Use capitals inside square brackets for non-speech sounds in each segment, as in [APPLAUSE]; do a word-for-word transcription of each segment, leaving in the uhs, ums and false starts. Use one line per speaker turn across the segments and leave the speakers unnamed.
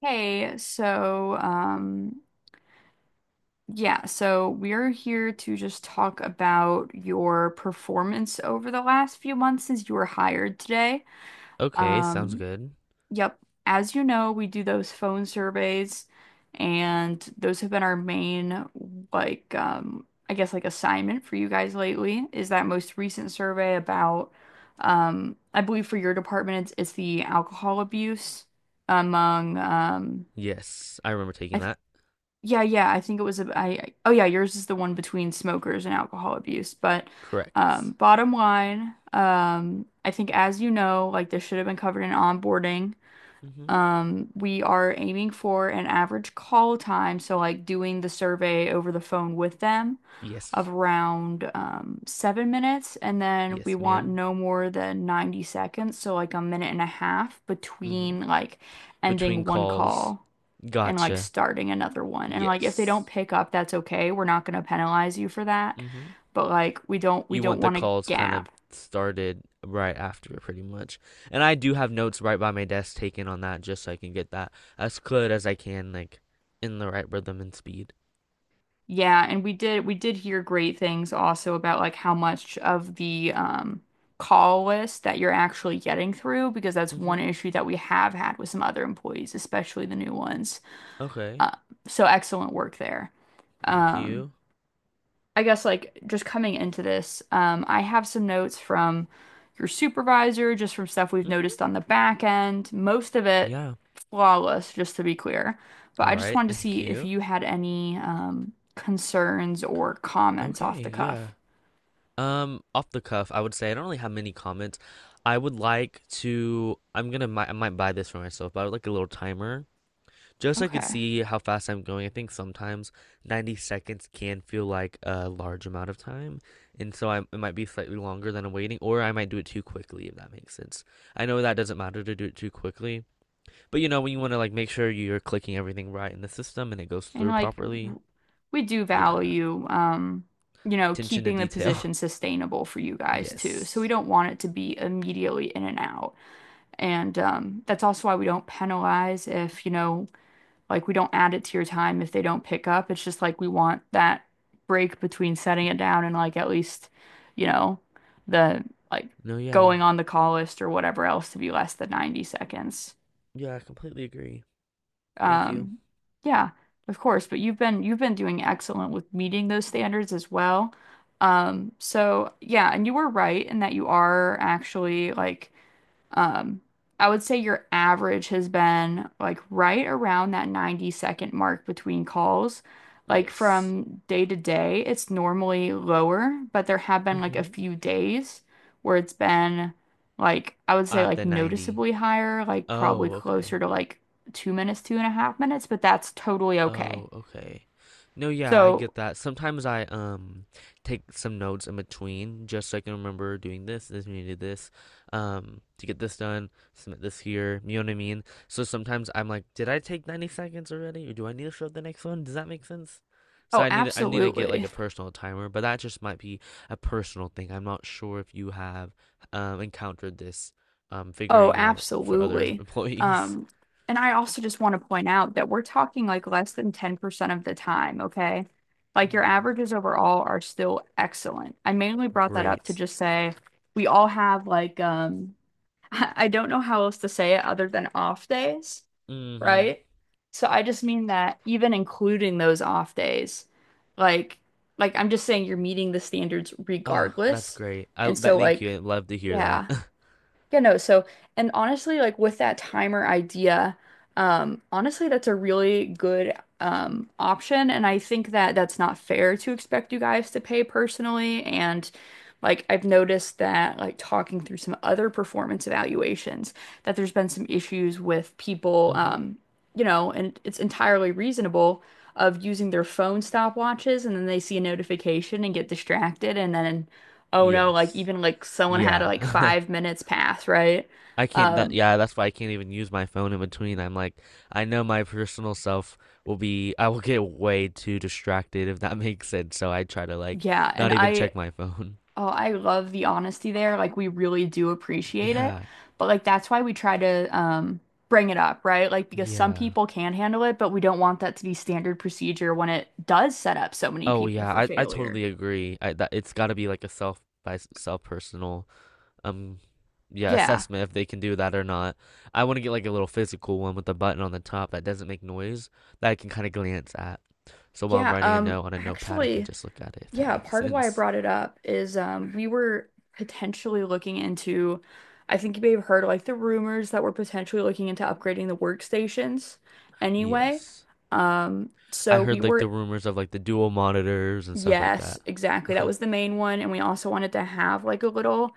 Hey, so um yeah, so we're here to just talk about your performance over the last few months since you were hired today.
Okay, sounds
Um
good.
yep, as you know, we do those phone surveys, and those have been our main, like um I guess like assignment for you guys lately. Is that most recent survey about, um I believe for your department, it's, it's the alcohol abuse among, um
Yes, I remember taking
I,
that.
Yeah, yeah, I think it was a I I- oh yeah, yours is the one between smokers and alcohol abuse. But um
Correct.
bottom line, um I think as you know, like this should have been covered in onboarding.
Mm-hmm.
Um we are aiming for an average call time, so like doing the survey over the phone with them of
Yes.
around um seven minutes, and then we
Yes,
want
ma'am.
no more than ninety seconds, so like a minute and a half
Mm-hmm.
between like ending
Between
one
calls.
call and like
Gotcha.
starting another one. And like if they don't
Yes.
pick up, that's okay. We're not gonna penalize you for that.
Mm-hmm.
But like we don't we
You
don't
want the
want to
calls kind of
gap.
started right after, pretty much. And I do have notes right by my desk taken on that just so I can get that as good as I can, like in the right rhythm and speed.
Yeah, and we did we did hear great things also about like how much of the um call list that you're actually getting through, because that's one
Mm-hmm.
issue that we have had with some other employees, especially the new ones.
Okay.
Uh, so excellent work there.
Thank
Um
you.
I guess like just coming into this, um, I have some notes from your supervisor, just from stuff we've
Mm-hmm.
noticed on the back end. Most of it
Yeah.
flawless, just to be clear. But
All
I just
right. [LAUGHS]
wanted to
Thank
see if
you.
you had any um, concerns or comments off
Okay.
the
Yeah.
cuff.
Um, off the cuff, I would say I don't really have many comments. I would like to. I'm gonna. mi- I might buy this for myself, but I would like a little timer just so I could
Okay.
see how fast I'm going. I think sometimes ninety seconds can feel like a large amount of time, and so I, it might be slightly longer than I'm waiting, or I might do it too quickly if that makes sense. I know that doesn't matter to do it too quickly, but you know when you want to like make sure you're clicking everything right in the system and it goes
And
through
like
properly.
w- we do
Yeah,
value, um, you know,
attention to
keeping the
detail.
position sustainable for you
[LAUGHS]
guys too. So we
Yes.
don't want it to be immediately in and out. And um, that's also why we don't penalize if, you know, like we don't add it to your time if they don't pick up. It's just like we want that break between setting it down and like at least, you know, the, like,
No. Yeah.
going on the call list or whatever else to be less than ninety seconds.
Yeah, I completely agree. Thank you.
Um, yeah, of course, but you've been you've been doing excellent with meeting those standards as well. Um, so yeah, and you were right in that you are actually like, um, I would say your average has been like right around that ninety second mark between calls. Like
Yes.
from day to day, it's normally lower, but there have been like a
Mm-hmm.
few days where it's been like, I would say,
At
like
the ninety.
noticeably higher, like probably
Oh,
closer
okay.
to like two minutes, two and a half minutes, but that's totally okay.
Oh, okay. No, yeah, I
So,
get that. Sometimes I um take some notes in between just so I can remember doing this, this needed this, um, to get this done, submit this here, you know what I mean? So sometimes I'm like, did I take ninety seconds already? Or do I need to show up the next one? Does that make sense? So
oh,
I need to, I need to get like
absolutely.
a personal timer, but that just might be a personal thing. I'm not sure if you have um encountered this um
Oh,
figuring out for other [LAUGHS]
absolutely.
employees.
Um, and I also just want to point out that we're talking like less than ten percent of the time, okay? Like your
Hmm.
averages overall are still excellent. I mainly brought that up to
Great.
just say we all have like um [LAUGHS] I don't know how else to say it other than off days,
Hmm.
right? So I just mean that even including those off days, like like I'm just saying you're meeting the standards
Ah, that's
regardless.
great. I
And
that
so
thank you. I
like
love to hear that.
yeah.
[LAUGHS]
Yeah, no. So, and honestly, like with that timer idea, um, honestly, that's a really good um option, and I think that that's not fair to expect you guys to pay personally. And like I've noticed that like talking through some other performance evaluations, that there's been some issues with people,
Hmm.
um, you know, and it's entirely reasonable, of using their phone stopwatches, and then they see a notification and get distracted, and then oh no, like
Yes.
even like someone had like
Yeah. [LAUGHS]
five minutes pass, right?
I can't that
Um,
yeah, that's why I can't even use my phone in between. I'm like, I know my personal self will be I will get way too distracted if that [LAUGHS] makes sense. So I try to like
yeah, and
not even
I,
check my phone. [LAUGHS]
oh, I love the honesty there. Like we really do appreciate it.
Yeah.
But like that's why we try to um bring it up, right? Like because some
Yeah.
people can handle it, but we don't want that to be standard procedure when it does set up so many
Oh
people
yeah,
for
I, I
failure.
totally agree. I that it's got to be like a self by s- self personal um yeah,
Yeah.
assessment if they can do that or not. I want to get like a little physical one with a button on the top that doesn't make noise that I can kind of glance at. So while I'm
Yeah.
writing a
Um
note on a notepad, I can
actually,
just look at it if that
yeah,
makes [LAUGHS]
part of why I
sense.
brought it up is um, we were potentially looking into, I think you may have heard like the rumors that we're potentially looking into upgrading the workstations anyway.
Yes.
Um,
I
so we
heard like the
were,
rumors of like the dual monitors and stuff like
yes,
that.
exactly. That
[LAUGHS]
was the main one. And we also wanted to have like a little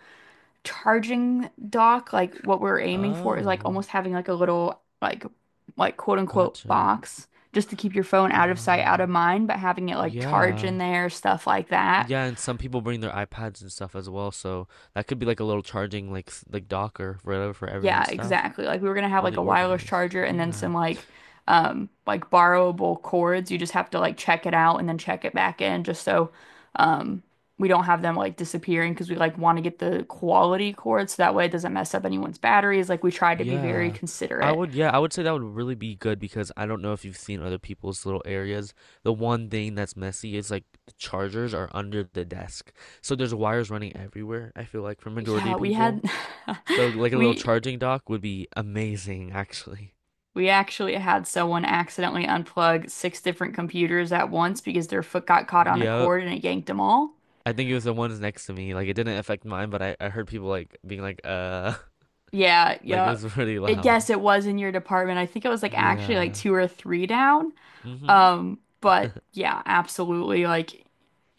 charging dock. Like what we're aiming for is like
Oh,
almost having like a little like like quote unquote
gotcha.
box, just to keep your phone out of
Got
sight, out of
it.
mind, but having it like charge
Yeah.
in there, stuff like that.
Yeah, and some people bring their iPads and stuff as well, so that could be like a little charging like s- like Docker for for
Yeah,
everyone's stuff.
exactly. Like we were gonna have like
Really
a wireless
organized.
charger and then
Yeah.
some like um like borrowable cords. You just have to like check it out and then check it back in just so um we don't have them like disappearing, because we like want to get the quality cords so that way it doesn't mess up anyone's batteries. Like we tried to be very
Yeah. I
considerate.
would yeah, I would say that would really be good because I don't know if you've seen other people's little areas. The one thing that's messy is like the chargers are under the desk. So there's wires running everywhere, I feel like for majority
Yeah,
of
we
people.
had
So
[LAUGHS]
like a little
we
charging dock would be amazing actually. [LAUGHS]
we actually had someone accidentally unplug six different computers at once because their foot got caught on a
Yep.
cord and it yanked them all.
I think it was the ones next to me. Like it didn't affect mine, but I, I heard people like being like uh
Yeah,
[LAUGHS] like it was
yup.
[LAUGHS] pretty
It,
loud.
yes, it was in your department. I think it was like actually like
Yeah.
two or three down.
Mm-hmm. Mm-hmm.
Um, but yeah, absolutely. Like,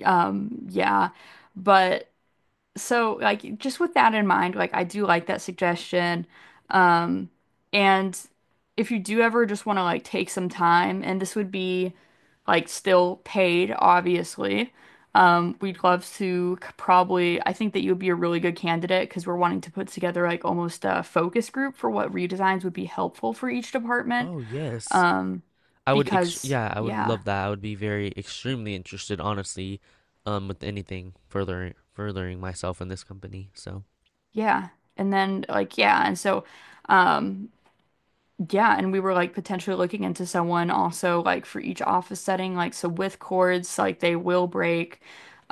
um, yeah. But so, like, just with that in mind, like, I do like that suggestion. Um, and if you do ever just want to like take some time, and this would be like still paid, obviously, um, we'd love
[LAUGHS]
to c- probably, I think that you would be a really good candidate because we're wanting to put together like almost a focus group for what redesigns would be helpful for each department.
Oh yes.
Um,
I would ex
because
yeah, I would
yeah,
love that. I would be very extremely interested, honestly, um, with anything further furthering myself in this company. So
yeah. And then like, yeah. And so, um, yeah, and we were like potentially looking into someone also like for each office setting, like so with cords, like they will break.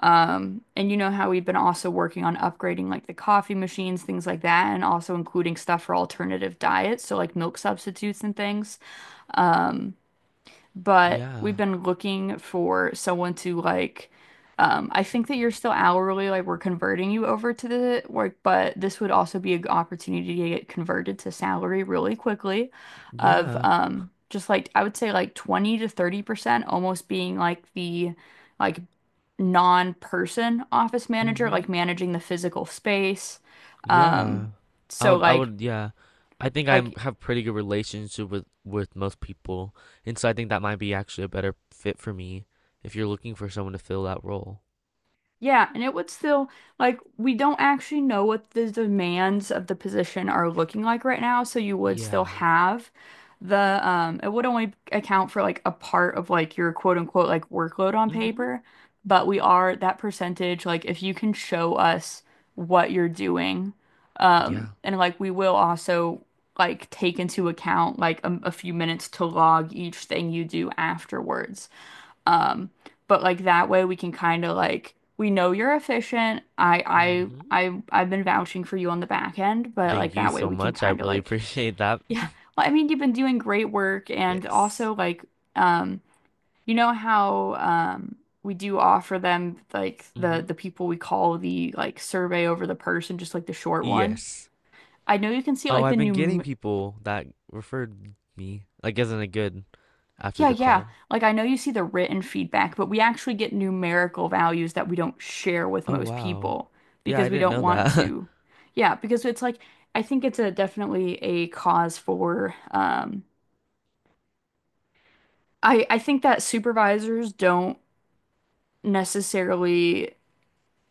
Um, and you know how we've been also working on upgrading like the coffee machines, things like that, and also including stuff for alternative diets, so like milk substitutes and things. Um, but
yeah,
we've been looking for someone to like um I think that you're still hourly, like we're converting you over to the work, but this would also be a g opportunity to get converted to salary really quickly, of
yeah,
um, just like, I would say, like twenty to thirty percent almost being like the, like, non-person office manager,
mm-hmm,
like managing the physical space,
yeah.
um
I
so
would, I
like
would, yeah. I think I
like
have pretty good relationship with with most people, and so I think that might be actually a better fit for me if you're looking for someone to fill that role.
yeah. And it would still, like, we don't actually know what the demands of the position are looking like right now, so you would still
Yeah.
have the, um, it would only account for like a part of like your quote unquote like workload on
Mm-hmm.
paper, but we are that percentage, like, if you can show us what you're doing, um,
Yeah.
and like we will also like take into account like a, a few minutes to log each thing you do afterwards. Um, but like that way we can kind of like, we know you're efficient. I
Mm-hmm.
I I I've been vouching for you on the back end, but like
Thank you
that way
so
we can
much. I
kind of
really
like
appreciate that.
[LAUGHS] yeah.
[LAUGHS]
Well, I mean, you've been doing great work and
Yes.
also like um you know how um we do offer them like the
Mm-hmm.
the people we call, the like survey over the person, just like the short one.
Yes.
I know you can see
Oh,
like the
I've been getting
numeric,
people that referred me, like isn't it good after
Yeah,
the
yeah.
call.
Like I know you see the written feedback, but we actually get numerical values that we don't share with
Oh,
most
wow.
people
Yeah,
because
I
we
didn't
don't
know
want
that.
to. Yeah, because it's like, I think it's a definitely a cause for um, I I think that supervisors don't necessarily,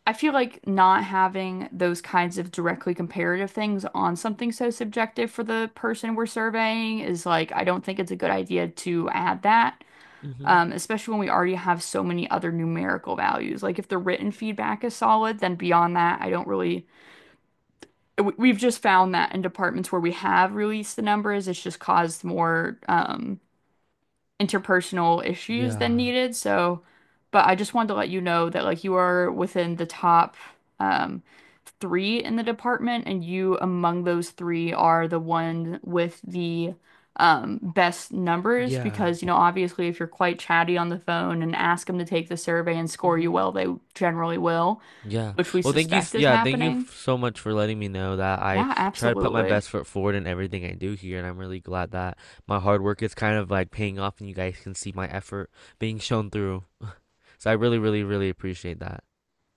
I feel like not having those kinds of directly comparative things on something so subjective for the person we're surveying is like, I don't think it's a good idea to add that
[LAUGHS] Hmm.
um, especially when we already have so many other numerical values. Like if the written feedback is solid, then beyond that, I don't really. We've just found that in departments where we have released the numbers, it's just caused more um, interpersonal issues than
Yeah.
needed. So, but I just wanted to let you know that like you are within the top, um, three in the department, and you among those three are the one with the um, best numbers,
Yeah.
because you know obviously if you're quite chatty on the phone and ask them to take the survey and score you
Mm-hmm.
well, they generally will,
Yeah.
which we
Well, thank you.
suspect
s-
is
Yeah, thank you
happening.
f- so much for letting me know that I
Yeah,
try to put my
absolutely.
best foot forward in everything I do here, and I'm really glad that my hard work is kind of like paying off, and you guys can see my effort being shown through. [LAUGHS] So I really, really, really appreciate that.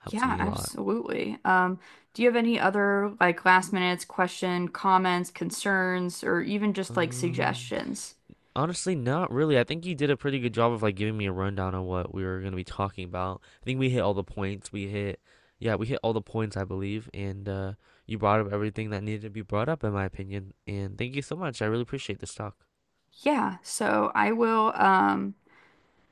Helps
Yeah,
me a lot.
absolutely. Um, do you have any other like last minute question, comments, concerns, or even just like
Um.
suggestions?
Honestly, not really. I think you did a pretty good job of like giving me a rundown on what we were gonna be talking about. I think we hit all the points. We hit, yeah, we hit all the points, I believe, and uh, you brought up everything that needed to be brought up, in my opinion. And thank you so much. I really appreciate this talk.
Yeah, so I will um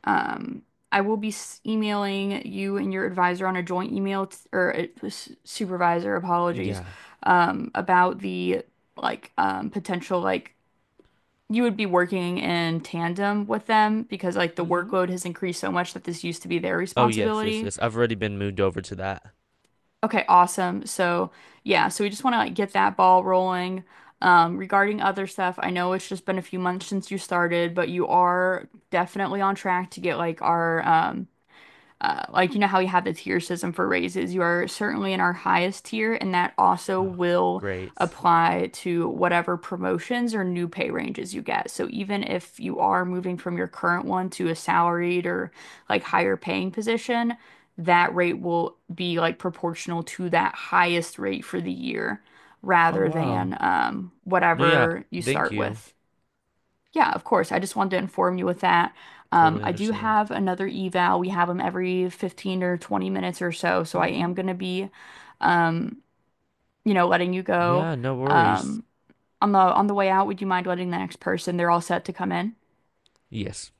um I will be s- emailing you and your advisor on a joint email t or a s- supervisor, apologies,
Yeah.
um, about the like um, potential like you would be working in tandem with them because like the
Mm-hmm.
workload has increased so much that this used to be their
Oh yes, yes,
responsibility.
yes. I've already been moved over to that.
Okay, awesome. So, yeah, so we just want to like get that ball rolling. Um, regarding other stuff, I know it's just been a few months since you started, but you are definitely on track to get like our um uh, like, you know how we have the tier system for raises? You are certainly in our highest tier, and that also
Oh,
will
great.
apply to whatever promotions or new pay ranges you get. So even if you are moving from your current one to a salaried or like higher paying position, that rate will be like proportional to that highest rate for the year
Oh
rather than
wow.
um,
No, yeah.
whatever you
Thank
start
you.
with. Yeah, of course. I just wanted to inform you with that. Um,
Totally
I do
understand.
have another eval. We have them every fifteen or twenty minutes or so. So I am
Mm-hmm.
going to be, um, you know, letting you go.
Yeah. No worries.
Um, on the on the way out, would you mind letting the next person? They're all set to come in.
Yes.